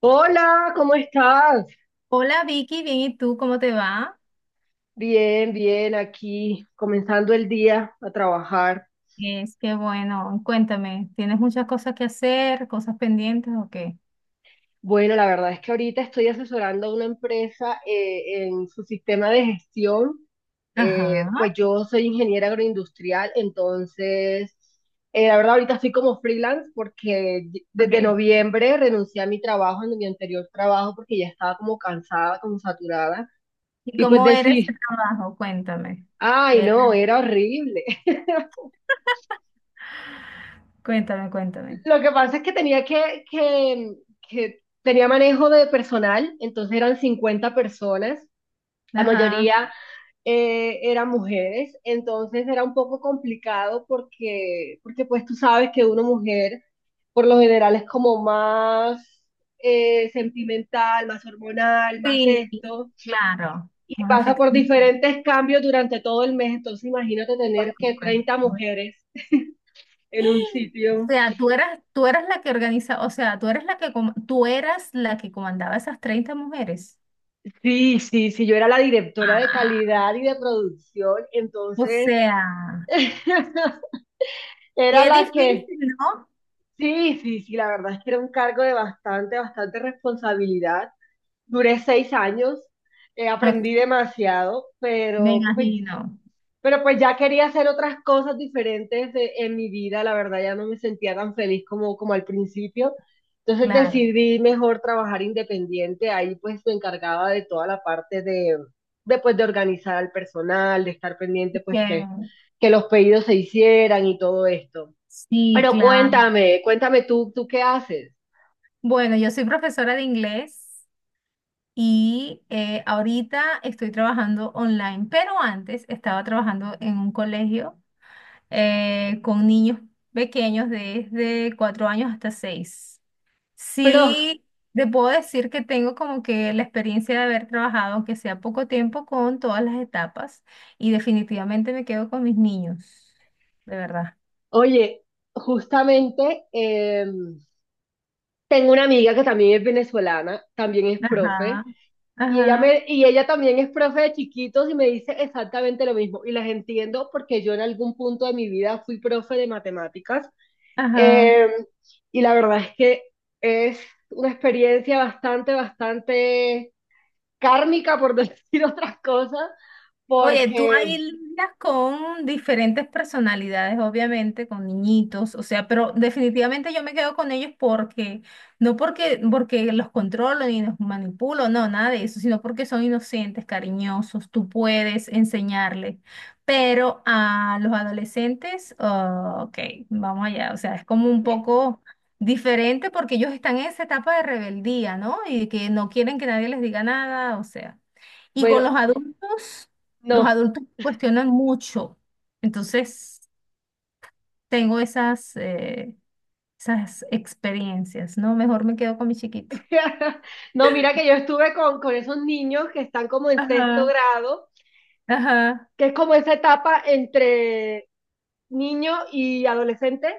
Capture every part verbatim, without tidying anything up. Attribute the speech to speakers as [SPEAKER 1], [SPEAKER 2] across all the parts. [SPEAKER 1] Hola, ¿cómo estás?
[SPEAKER 2] Hola Vicky, bien, ¿y tú cómo te va?
[SPEAKER 1] Bien, bien, aquí comenzando el día a trabajar.
[SPEAKER 2] Es que bueno, cuéntame, ¿tienes muchas cosas que hacer, cosas pendientes o qué?
[SPEAKER 1] Bueno, la verdad es que ahorita estoy asesorando a una empresa eh, en su sistema de gestión.
[SPEAKER 2] Ajá,
[SPEAKER 1] Eh, pues yo soy ingeniera agroindustrial, entonces, eh, la verdad ahorita estoy como freelance porque desde
[SPEAKER 2] ok.
[SPEAKER 1] noviembre renuncié a mi trabajo, en mi anterior trabajo, porque ya estaba como cansada, como saturada.
[SPEAKER 2] ¿Y
[SPEAKER 1] Y pues
[SPEAKER 2] cómo era ese
[SPEAKER 1] decir,
[SPEAKER 2] trabajo? Cuéntame.
[SPEAKER 1] ay,
[SPEAKER 2] Era-
[SPEAKER 1] no, era horrible.
[SPEAKER 2] Cuéntame, cuéntame.
[SPEAKER 1] Lo que pasa es que tenía que, que, que tenía manejo de personal, entonces eran cincuenta personas, la
[SPEAKER 2] Ajá.
[SPEAKER 1] mayoría eh, eran mujeres, entonces era un poco complicado porque, porque pues tú sabes que una mujer por lo general es como más eh, sentimental, más hormonal, más
[SPEAKER 2] Sí,
[SPEAKER 1] esto,
[SPEAKER 2] claro,
[SPEAKER 1] y
[SPEAKER 2] más
[SPEAKER 1] pasa por
[SPEAKER 2] afectivo.
[SPEAKER 1] diferentes cambios durante todo el mes, entonces imagínate
[SPEAKER 2] Por
[SPEAKER 1] tener que treinta
[SPEAKER 2] supuesto.
[SPEAKER 1] mujeres en un
[SPEAKER 2] O
[SPEAKER 1] sitio.
[SPEAKER 2] sea, tú eras, tú eras la que organiza, o sea, tú eres la que, com- tú eras la que comandaba esas treinta mujeres.
[SPEAKER 1] Sí, sí, sí, yo era la directora de
[SPEAKER 2] Ah,
[SPEAKER 1] calidad y de producción,
[SPEAKER 2] o
[SPEAKER 1] entonces
[SPEAKER 2] sea,
[SPEAKER 1] era
[SPEAKER 2] qué
[SPEAKER 1] la que,
[SPEAKER 2] difícil, ¿no?
[SPEAKER 1] sí, sí, sí, la verdad es que era un cargo de bastante, bastante responsabilidad. Duré seis años, eh, aprendí
[SPEAKER 2] Ok,
[SPEAKER 1] demasiado,
[SPEAKER 2] me
[SPEAKER 1] pero pues,
[SPEAKER 2] imagino,
[SPEAKER 1] pero pues ya quería hacer otras cosas diferentes de- en mi vida, la verdad ya no me sentía tan feliz como, como al principio. Entonces
[SPEAKER 2] claro.
[SPEAKER 1] decidí mejor trabajar independiente, ahí pues me encargaba de toda la parte de, de, pues, de organizar al personal, de estar pendiente pues que,
[SPEAKER 2] Que
[SPEAKER 1] que los pedidos se hicieran y todo esto.
[SPEAKER 2] sí,
[SPEAKER 1] Pero
[SPEAKER 2] claro.
[SPEAKER 1] cuéntame, cuéntame tú, ¿tú qué haces?
[SPEAKER 2] Bueno, yo soy profesora de inglés y eh, ahorita estoy trabajando online, pero antes estaba trabajando en un colegio eh, con niños pequeños desde cuatro años hasta seis.
[SPEAKER 1] Pero,
[SPEAKER 2] Sí, te puedo decir que tengo como que la experiencia de haber trabajado, aunque sea poco tiempo, con todas las etapas y definitivamente me quedo con mis niños, de verdad.
[SPEAKER 1] oye, justamente em, tengo una amiga que también es venezolana, también es
[SPEAKER 2] Ajá,
[SPEAKER 1] profe. Y ella,
[SPEAKER 2] ajá,
[SPEAKER 1] me, y ella también es profe de chiquitos y me dice exactamente lo mismo. Y las entiendo porque yo en algún punto de mi vida fui profe de matemáticas.
[SPEAKER 2] ajá.
[SPEAKER 1] Eh, y la verdad es que es una experiencia bastante, bastante kármica, por decir otras cosas,
[SPEAKER 2] Oye, tú ahí
[SPEAKER 1] porque,
[SPEAKER 2] lidias con diferentes personalidades, obviamente, con niñitos, o sea, pero definitivamente yo me quedo con ellos porque, no porque, porque los controlo ni los manipulo, no, nada de eso, sino porque son inocentes, cariñosos, tú puedes enseñarles. Pero a los adolescentes, ah, ok, vamos allá, o sea, es como un poco diferente porque ellos están en esa etapa de rebeldía, ¿no? Y que no quieren que nadie les diga nada, o sea. Y con
[SPEAKER 1] bueno,
[SPEAKER 2] los adultos. Los
[SPEAKER 1] no.
[SPEAKER 2] adultos cuestionan mucho, entonces tengo esas, eh, esas experiencias, ¿no? Mejor me quedo con mi chiquito.
[SPEAKER 1] No, mira que yo estuve con, con esos niños que están como en sexto
[SPEAKER 2] Ajá.
[SPEAKER 1] grado,
[SPEAKER 2] Ajá,
[SPEAKER 1] que es como esa etapa entre niño y adolescente.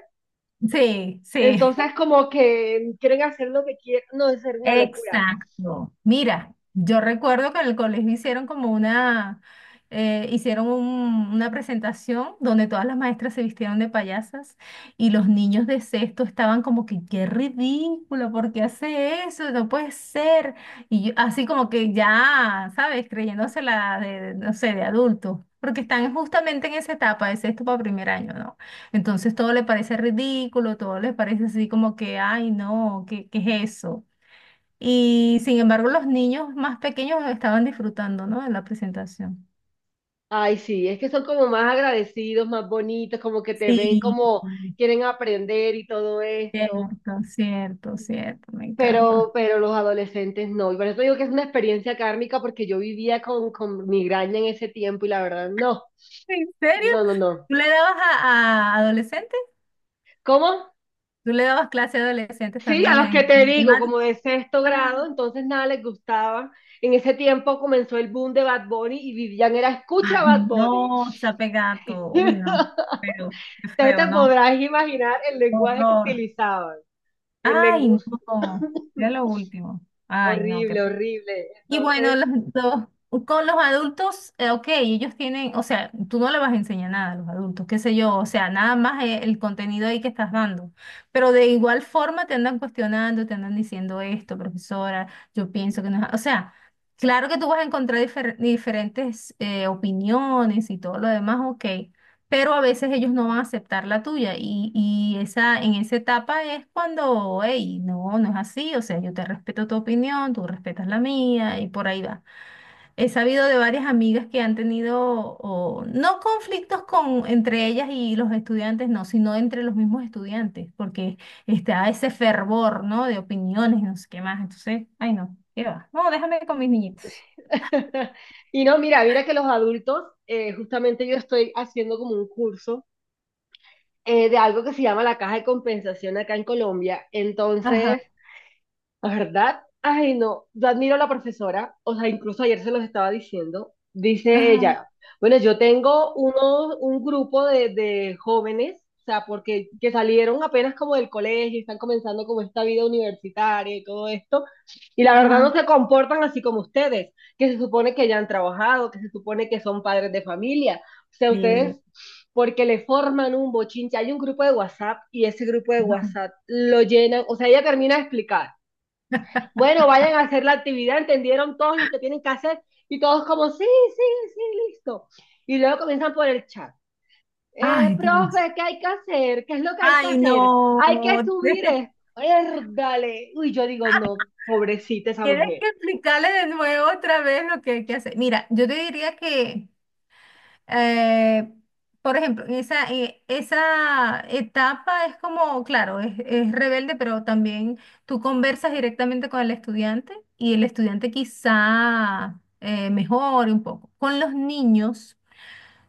[SPEAKER 2] sí, sí.
[SPEAKER 1] Entonces, como que quieren hacer lo que quieren, no, es ser una locura.
[SPEAKER 2] Exacto. Mira, yo recuerdo que en el colegio hicieron como una, eh, hicieron un- una presentación donde todas las maestras se vistieron de payasas y los niños de sexto estaban como que, qué ridículo, ¿por qué hace eso? No puede ser. Y yo- así como que ya, ¿sabes? Creyéndose la de, no sé, de adulto. Porque están justamente en esa etapa, de sexto para primer año, ¿no? Entonces todo le parece ridículo, todo les parece así como que, ay, no, ¿qué, qué es eso? Y sin embargo, los niños más pequeños estaban disfrutando, ¿no? De la presentación.
[SPEAKER 1] Ay, sí, es que son como más agradecidos, más bonitos, como que te ven
[SPEAKER 2] Sí,
[SPEAKER 1] como quieren aprender y todo esto,
[SPEAKER 2] cierto, cierto, cierto, me encanta.
[SPEAKER 1] pero, pero los adolescentes no. Y por eso digo que es una experiencia kármica porque yo vivía con, con migraña en ese tiempo y la verdad, no,
[SPEAKER 2] ¿En serio?
[SPEAKER 1] no, no, no.
[SPEAKER 2] ¿Tú le dabas a, a adolescentes?
[SPEAKER 1] ¿Cómo?
[SPEAKER 2] ¿Tú le dabas clase a adolescentes
[SPEAKER 1] Sí, a
[SPEAKER 2] también
[SPEAKER 1] los que
[SPEAKER 2] en
[SPEAKER 1] te digo, como
[SPEAKER 2] matemáticas?
[SPEAKER 1] de sexto grado,
[SPEAKER 2] Ajá.
[SPEAKER 1] entonces nada les gustaba. En ese tiempo comenzó el boom de Bad Bunny y vivían era escucha Bad
[SPEAKER 2] Ay,
[SPEAKER 1] Bunny.
[SPEAKER 2] no, sape gato. Uy, no. Pero qué
[SPEAKER 1] Entonces
[SPEAKER 2] feo,
[SPEAKER 1] te
[SPEAKER 2] ¿no?
[SPEAKER 1] podrás imaginar el lenguaje que
[SPEAKER 2] Horror.
[SPEAKER 1] utilizaban, el
[SPEAKER 2] Ay,
[SPEAKER 1] lenguaje
[SPEAKER 2] no. Ya lo último. Ay, no, qué
[SPEAKER 1] horrible, horrible.
[SPEAKER 2] Y bueno,
[SPEAKER 1] Entonces,
[SPEAKER 2] los- los- con los adultos, eh, ok, ellos tienen, o sea, tú no le vas a enseñar nada a los adultos, qué sé yo, o sea, nada más eh, el contenido ahí que estás dando. Pero de igual forma te andan cuestionando, te andan diciendo esto, profesora, yo pienso que no es, o sea, claro que tú vas a encontrar difer- diferentes eh, opiniones y todo lo demás, ok, pero a veces ellos no van a aceptar la tuya y, y esa, en esa etapa es cuando, hey, no, no es así, o sea, yo te respeto tu opinión, tú respetas la mía y por ahí va. He sabido de varias amigas que han tenido, o, no conflictos con, entre ellas y los estudiantes, no, sino entre los mismos estudiantes, porque está ese fervor, ¿no? De opiniones, no sé qué más, entonces, ay, no, qué va, no, déjame con mis niñitos.
[SPEAKER 1] y no, mira, mira que los adultos, eh, justamente yo estoy haciendo como un curso eh, de algo que se llama la caja de compensación acá en Colombia.
[SPEAKER 2] Ajá,
[SPEAKER 1] Entonces, ¿verdad? Ay, no, yo admiro a la profesora, o sea, incluso ayer se los estaba diciendo, dice
[SPEAKER 2] ajá,
[SPEAKER 1] ella, bueno, yo tengo uno, un grupo de, de jóvenes, o sea, porque que salieron apenas como del colegio, y están comenzando como esta vida universitaria y todo esto, y la verdad no
[SPEAKER 2] ajá.
[SPEAKER 1] se comportan así como ustedes, que se supone que ya han trabajado, que se supone que son padres de familia, o sea,
[SPEAKER 2] Sí,
[SPEAKER 1] ustedes... porque le forman un bochinche, hay un grupo de WhatsApp y ese grupo de
[SPEAKER 2] ajá.
[SPEAKER 1] WhatsApp lo llenan, o sea, ella termina de explicar bueno, vayan a hacer la actividad, entendieron todos los que tienen que hacer y todos como, sí, sí, sí, listo. Y luego comienzan por el chat. Eh,
[SPEAKER 2] Ay, Dios.
[SPEAKER 1] profe, ¿qué hay que hacer? ¿Qué es lo que hay que
[SPEAKER 2] Ay,
[SPEAKER 1] hacer?
[SPEAKER 2] no.
[SPEAKER 1] Hay que subir esto. Dale. Uy, yo digo, no, pobrecita esa
[SPEAKER 2] Tienes
[SPEAKER 1] mujer.
[SPEAKER 2] que explicarle de nuevo otra vez lo que hay que hacer. Mira, yo te diría que, eh, por ejemplo, en esa, eh, esa etapa es como, claro, es, es rebelde, pero también tú conversas directamente con el estudiante y el estudiante quizá eh, mejore un poco. Con los niños.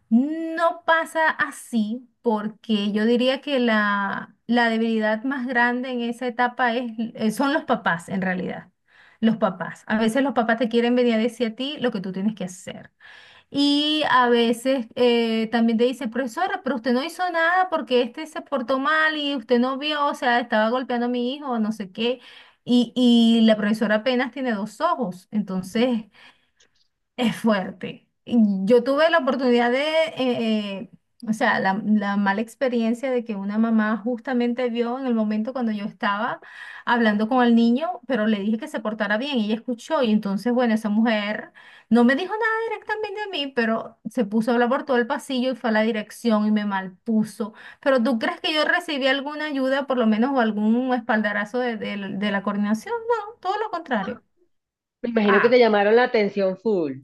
[SPEAKER 2] No pasa así porque yo diría que la, la debilidad más grande en esa etapa es, eh, son los papás, en realidad. Los papás. A veces los papás te quieren venir a decir a ti lo que tú tienes que hacer. Y a veces eh, también te dicen, profesora, pero usted no hizo nada porque este se portó mal y usted no vio, o sea, estaba golpeando a mi hijo, no sé qué. Y, y la profesora apenas tiene dos ojos. Entonces, es fuerte. Y Yo tuve la oportunidad de, eh, eh, o sea, la, la mala experiencia de que una mamá justamente vio en el momento cuando yo estaba hablando con el niño, pero le dije que se portara bien y ella escuchó y entonces, bueno, esa mujer no me dijo nada directamente a mí, pero se puso a hablar por todo el pasillo y fue a la dirección y me malpuso. Pero ¿tú crees que yo recibí alguna ayuda, por lo menos, o algún espaldarazo de, de de la coordinación? No, todo lo contrario.
[SPEAKER 1] Me imagino que te llamaron la atención full,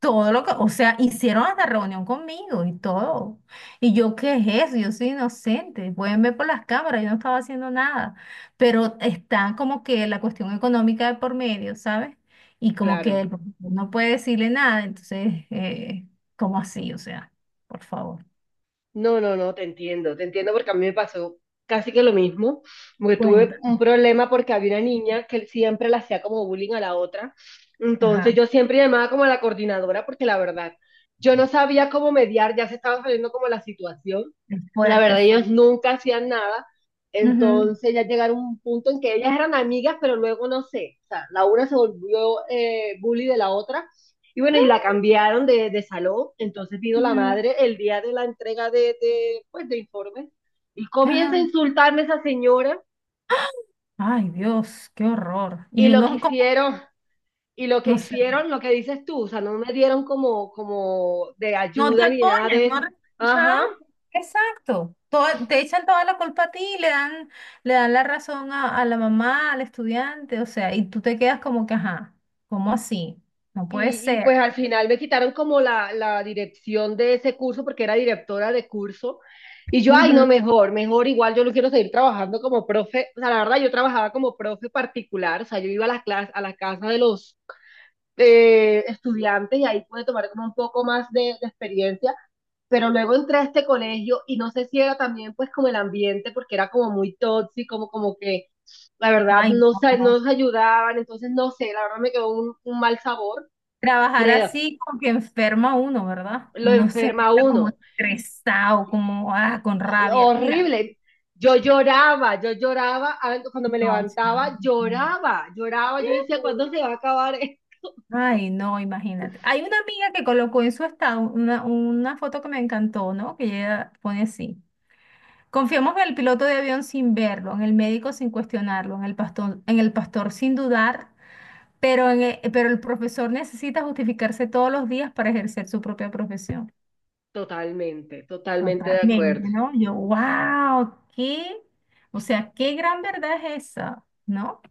[SPEAKER 2] Todo lo que, o sea, hicieron hasta reunión conmigo y todo. Y yo, ¿qué es eso? Yo soy inocente. Pueden ver por las cámaras, yo no estaba haciendo nada. Pero está como que la cuestión económica de por medio, ¿sabes? Y como que
[SPEAKER 1] claro.
[SPEAKER 2] el profesor no puede decirle nada, entonces, eh, ¿cómo así? O sea, por favor,
[SPEAKER 1] No, no, no, te entiendo, te entiendo porque a mí me pasó casi que lo mismo, porque tuve un
[SPEAKER 2] cuéntame.
[SPEAKER 1] problema porque había una niña que siempre le hacía como bullying a la otra, entonces
[SPEAKER 2] Ajá,
[SPEAKER 1] yo siempre llamaba como a la coordinadora porque la verdad, yo no sabía cómo mediar, ya se estaba saliendo como la situación,
[SPEAKER 2] es
[SPEAKER 1] la
[SPEAKER 2] fuerte,
[SPEAKER 1] verdad
[SPEAKER 2] es
[SPEAKER 1] ellos
[SPEAKER 2] fuerte.
[SPEAKER 1] nunca hacían nada,
[SPEAKER 2] Ujú.
[SPEAKER 1] entonces ya llegaron a un punto en que ellas eran amigas, pero luego no sé, o sea, la una se volvió eh, bully de la otra y bueno, y la cambiaron de, de salón, entonces vino la
[SPEAKER 2] Ujú.
[SPEAKER 1] madre el día de la entrega de, de, pues, de informes y comienza a
[SPEAKER 2] Ajá.
[SPEAKER 1] insultarme esa señora
[SPEAKER 2] Ay, Dios, qué horror.
[SPEAKER 1] y
[SPEAKER 2] Y
[SPEAKER 1] lo que
[SPEAKER 2] uno como,
[SPEAKER 1] hicieron, y lo que
[SPEAKER 2] no sé.
[SPEAKER 1] hicieron, lo que dices tú, o sea, no me dieron como, como de
[SPEAKER 2] No te
[SPEAKER 1] ayuda ni nada
[SPEAKER 2] apoyan,
[SPEAKER 1] de
[SPEAKER 2] no...
[SPEAKER 1] eso.
[SPEAKER 2] re- Ajá,
[SPEAKER 1] Ajá,
[SPEAKER 2] exacto. Toda- te echan toda la culpa a ti, le dan, le dan la razón a, a la mamá, al estudiante, o sea, y tú te quedas como que, ajá, ¿cómo así? No puede
[SPEAKER 1] Y, y, pues
[SPEAKER 2] ser.
[SPEAKER 1] al final me quitaron como la, la dirección de ese curso porque era directora de curso. Y yo, ay, no,
[SPEAKER 2] Ujú.
[SPEAKER 1] mejor, mejor, igual yo lo quiero seguir trabajando como profe. O sea, la verdad, yo trabajaba como profe particular, o sea, yo iba a las clases, a la casa de los eh, estudiantes y ahí pude tomar como un poco más de, de experiencia. Pero luego entré a este colegio y no sé si era también pues como el ambiente, porque era como muy tóxico, como, como que la verdad
[SPEAKER 2] Ay,
[SPEAKER 1] no, se-
[SPEAKER 2] no.
[SPEAKER 1] no nos ayudaban, entonces no sé, la verdad me quedó un, un mal sabor,
[SPEAKER 2] Trabajar
[SPEAKER 1] creo.
[SPEAKER 2] así como que enferma uno, ¿verdad?
[SPEAKER 1] Lo
[SPEAKER 2] Uno se
[SPEAKER 1] enferma
[SPEAKER 2] ve como
[SPEAKER 1] uno.
[SPEAKER 2] estresado, como ah, con rabia. Mira,
[SPEAKER 1] Horrible. Yo lloraba, yo lloraba, cuando me
[SPEAKER 2] no, chamo.
[SPEAKER 1] levantaba,
[SPEAKER 2] No, no.
[SPEAKER 1] lloraba, lloraba, yo decía, ¿cuándo se va a acabar esto?
[SPEAKER 2] Ay, no, imagínate. Hay una amiga que colocó en su estado una, una foto que me encantó, ¿no? Que ella pone así. Confiamos en el piloto de avión sin verlo, en el médico sin cuestionarlo, en el pastor, en el pastor sin dudar, pero, en e- pero el profesor necesita justificarse todos los días para ejercer su propia profesión.
[SPEAKER 1] Totalmente, totalmente de acuerdo.
[SPEAKER 2] Totalmente, ¿no? Yo, wow, qué, o sea, qué gran verdad es esa, ¿no?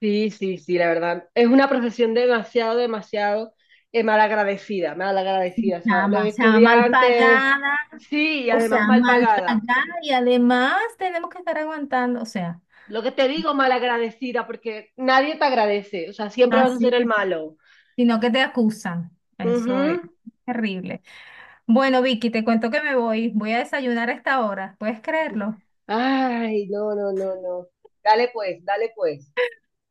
[SPEAKER 1] Sí, sí, sí, la verdad. Es una profesión demasiado, demasiado eh, malagradecida,
[SPEAKER 2] Sí,
[SPEAKER 1] malagradecida. O sea, los
[SPEAKER 2] chama, chama mal
[SPEAKER 1] estudiantes,
[SPEAKER 2] pagada.
[SPEAKER 1] sí, y
[SPEAKER 2] O
[SPEAKER 1] además
[SPEAKER 2] sea,
[SPEAKER 1] mal
[SPEAKER 2] mal
[SPEAKER 1] pagada.
[SPEAKER 2] pagada y además tenemos que estar aguantando, o sea,
[SPEAKER 1] Lo que te digo, malagradecida, porque nadie te agradece, o sea, siempre vas a
[SPEAKER 2] así
[SPEAKER 1] ser el
[SPEAKER 2] es.
[SPEAKER 1] malo.
[SPEAKER 2] Sino que te acusan.
[SPEAKER 1] Ujú.
[SPEAKER 2] Eso es terrible. Bueno, Vicky, te cuento que me voy. Voy a desayunar a esta hora. ¿Puedes creerlo?
[SPEAKER 1] Ay, no, no, no, no. Dale pues, dale pues.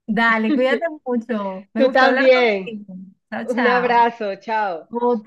[SPEAKER 2] Dale, cuídate mucho. Me
[SPEAKER 1] Tú
[SPEAKER 2] gustó hablar
[SPEAKER 1] también.
[SPEAKER 2] contigo. Chao,
[SPEAKER 1] Un
[SPEAKER 2] chao.
[SPEAKER 1] abrazo, chao.
[SPEAKER 2] Ok,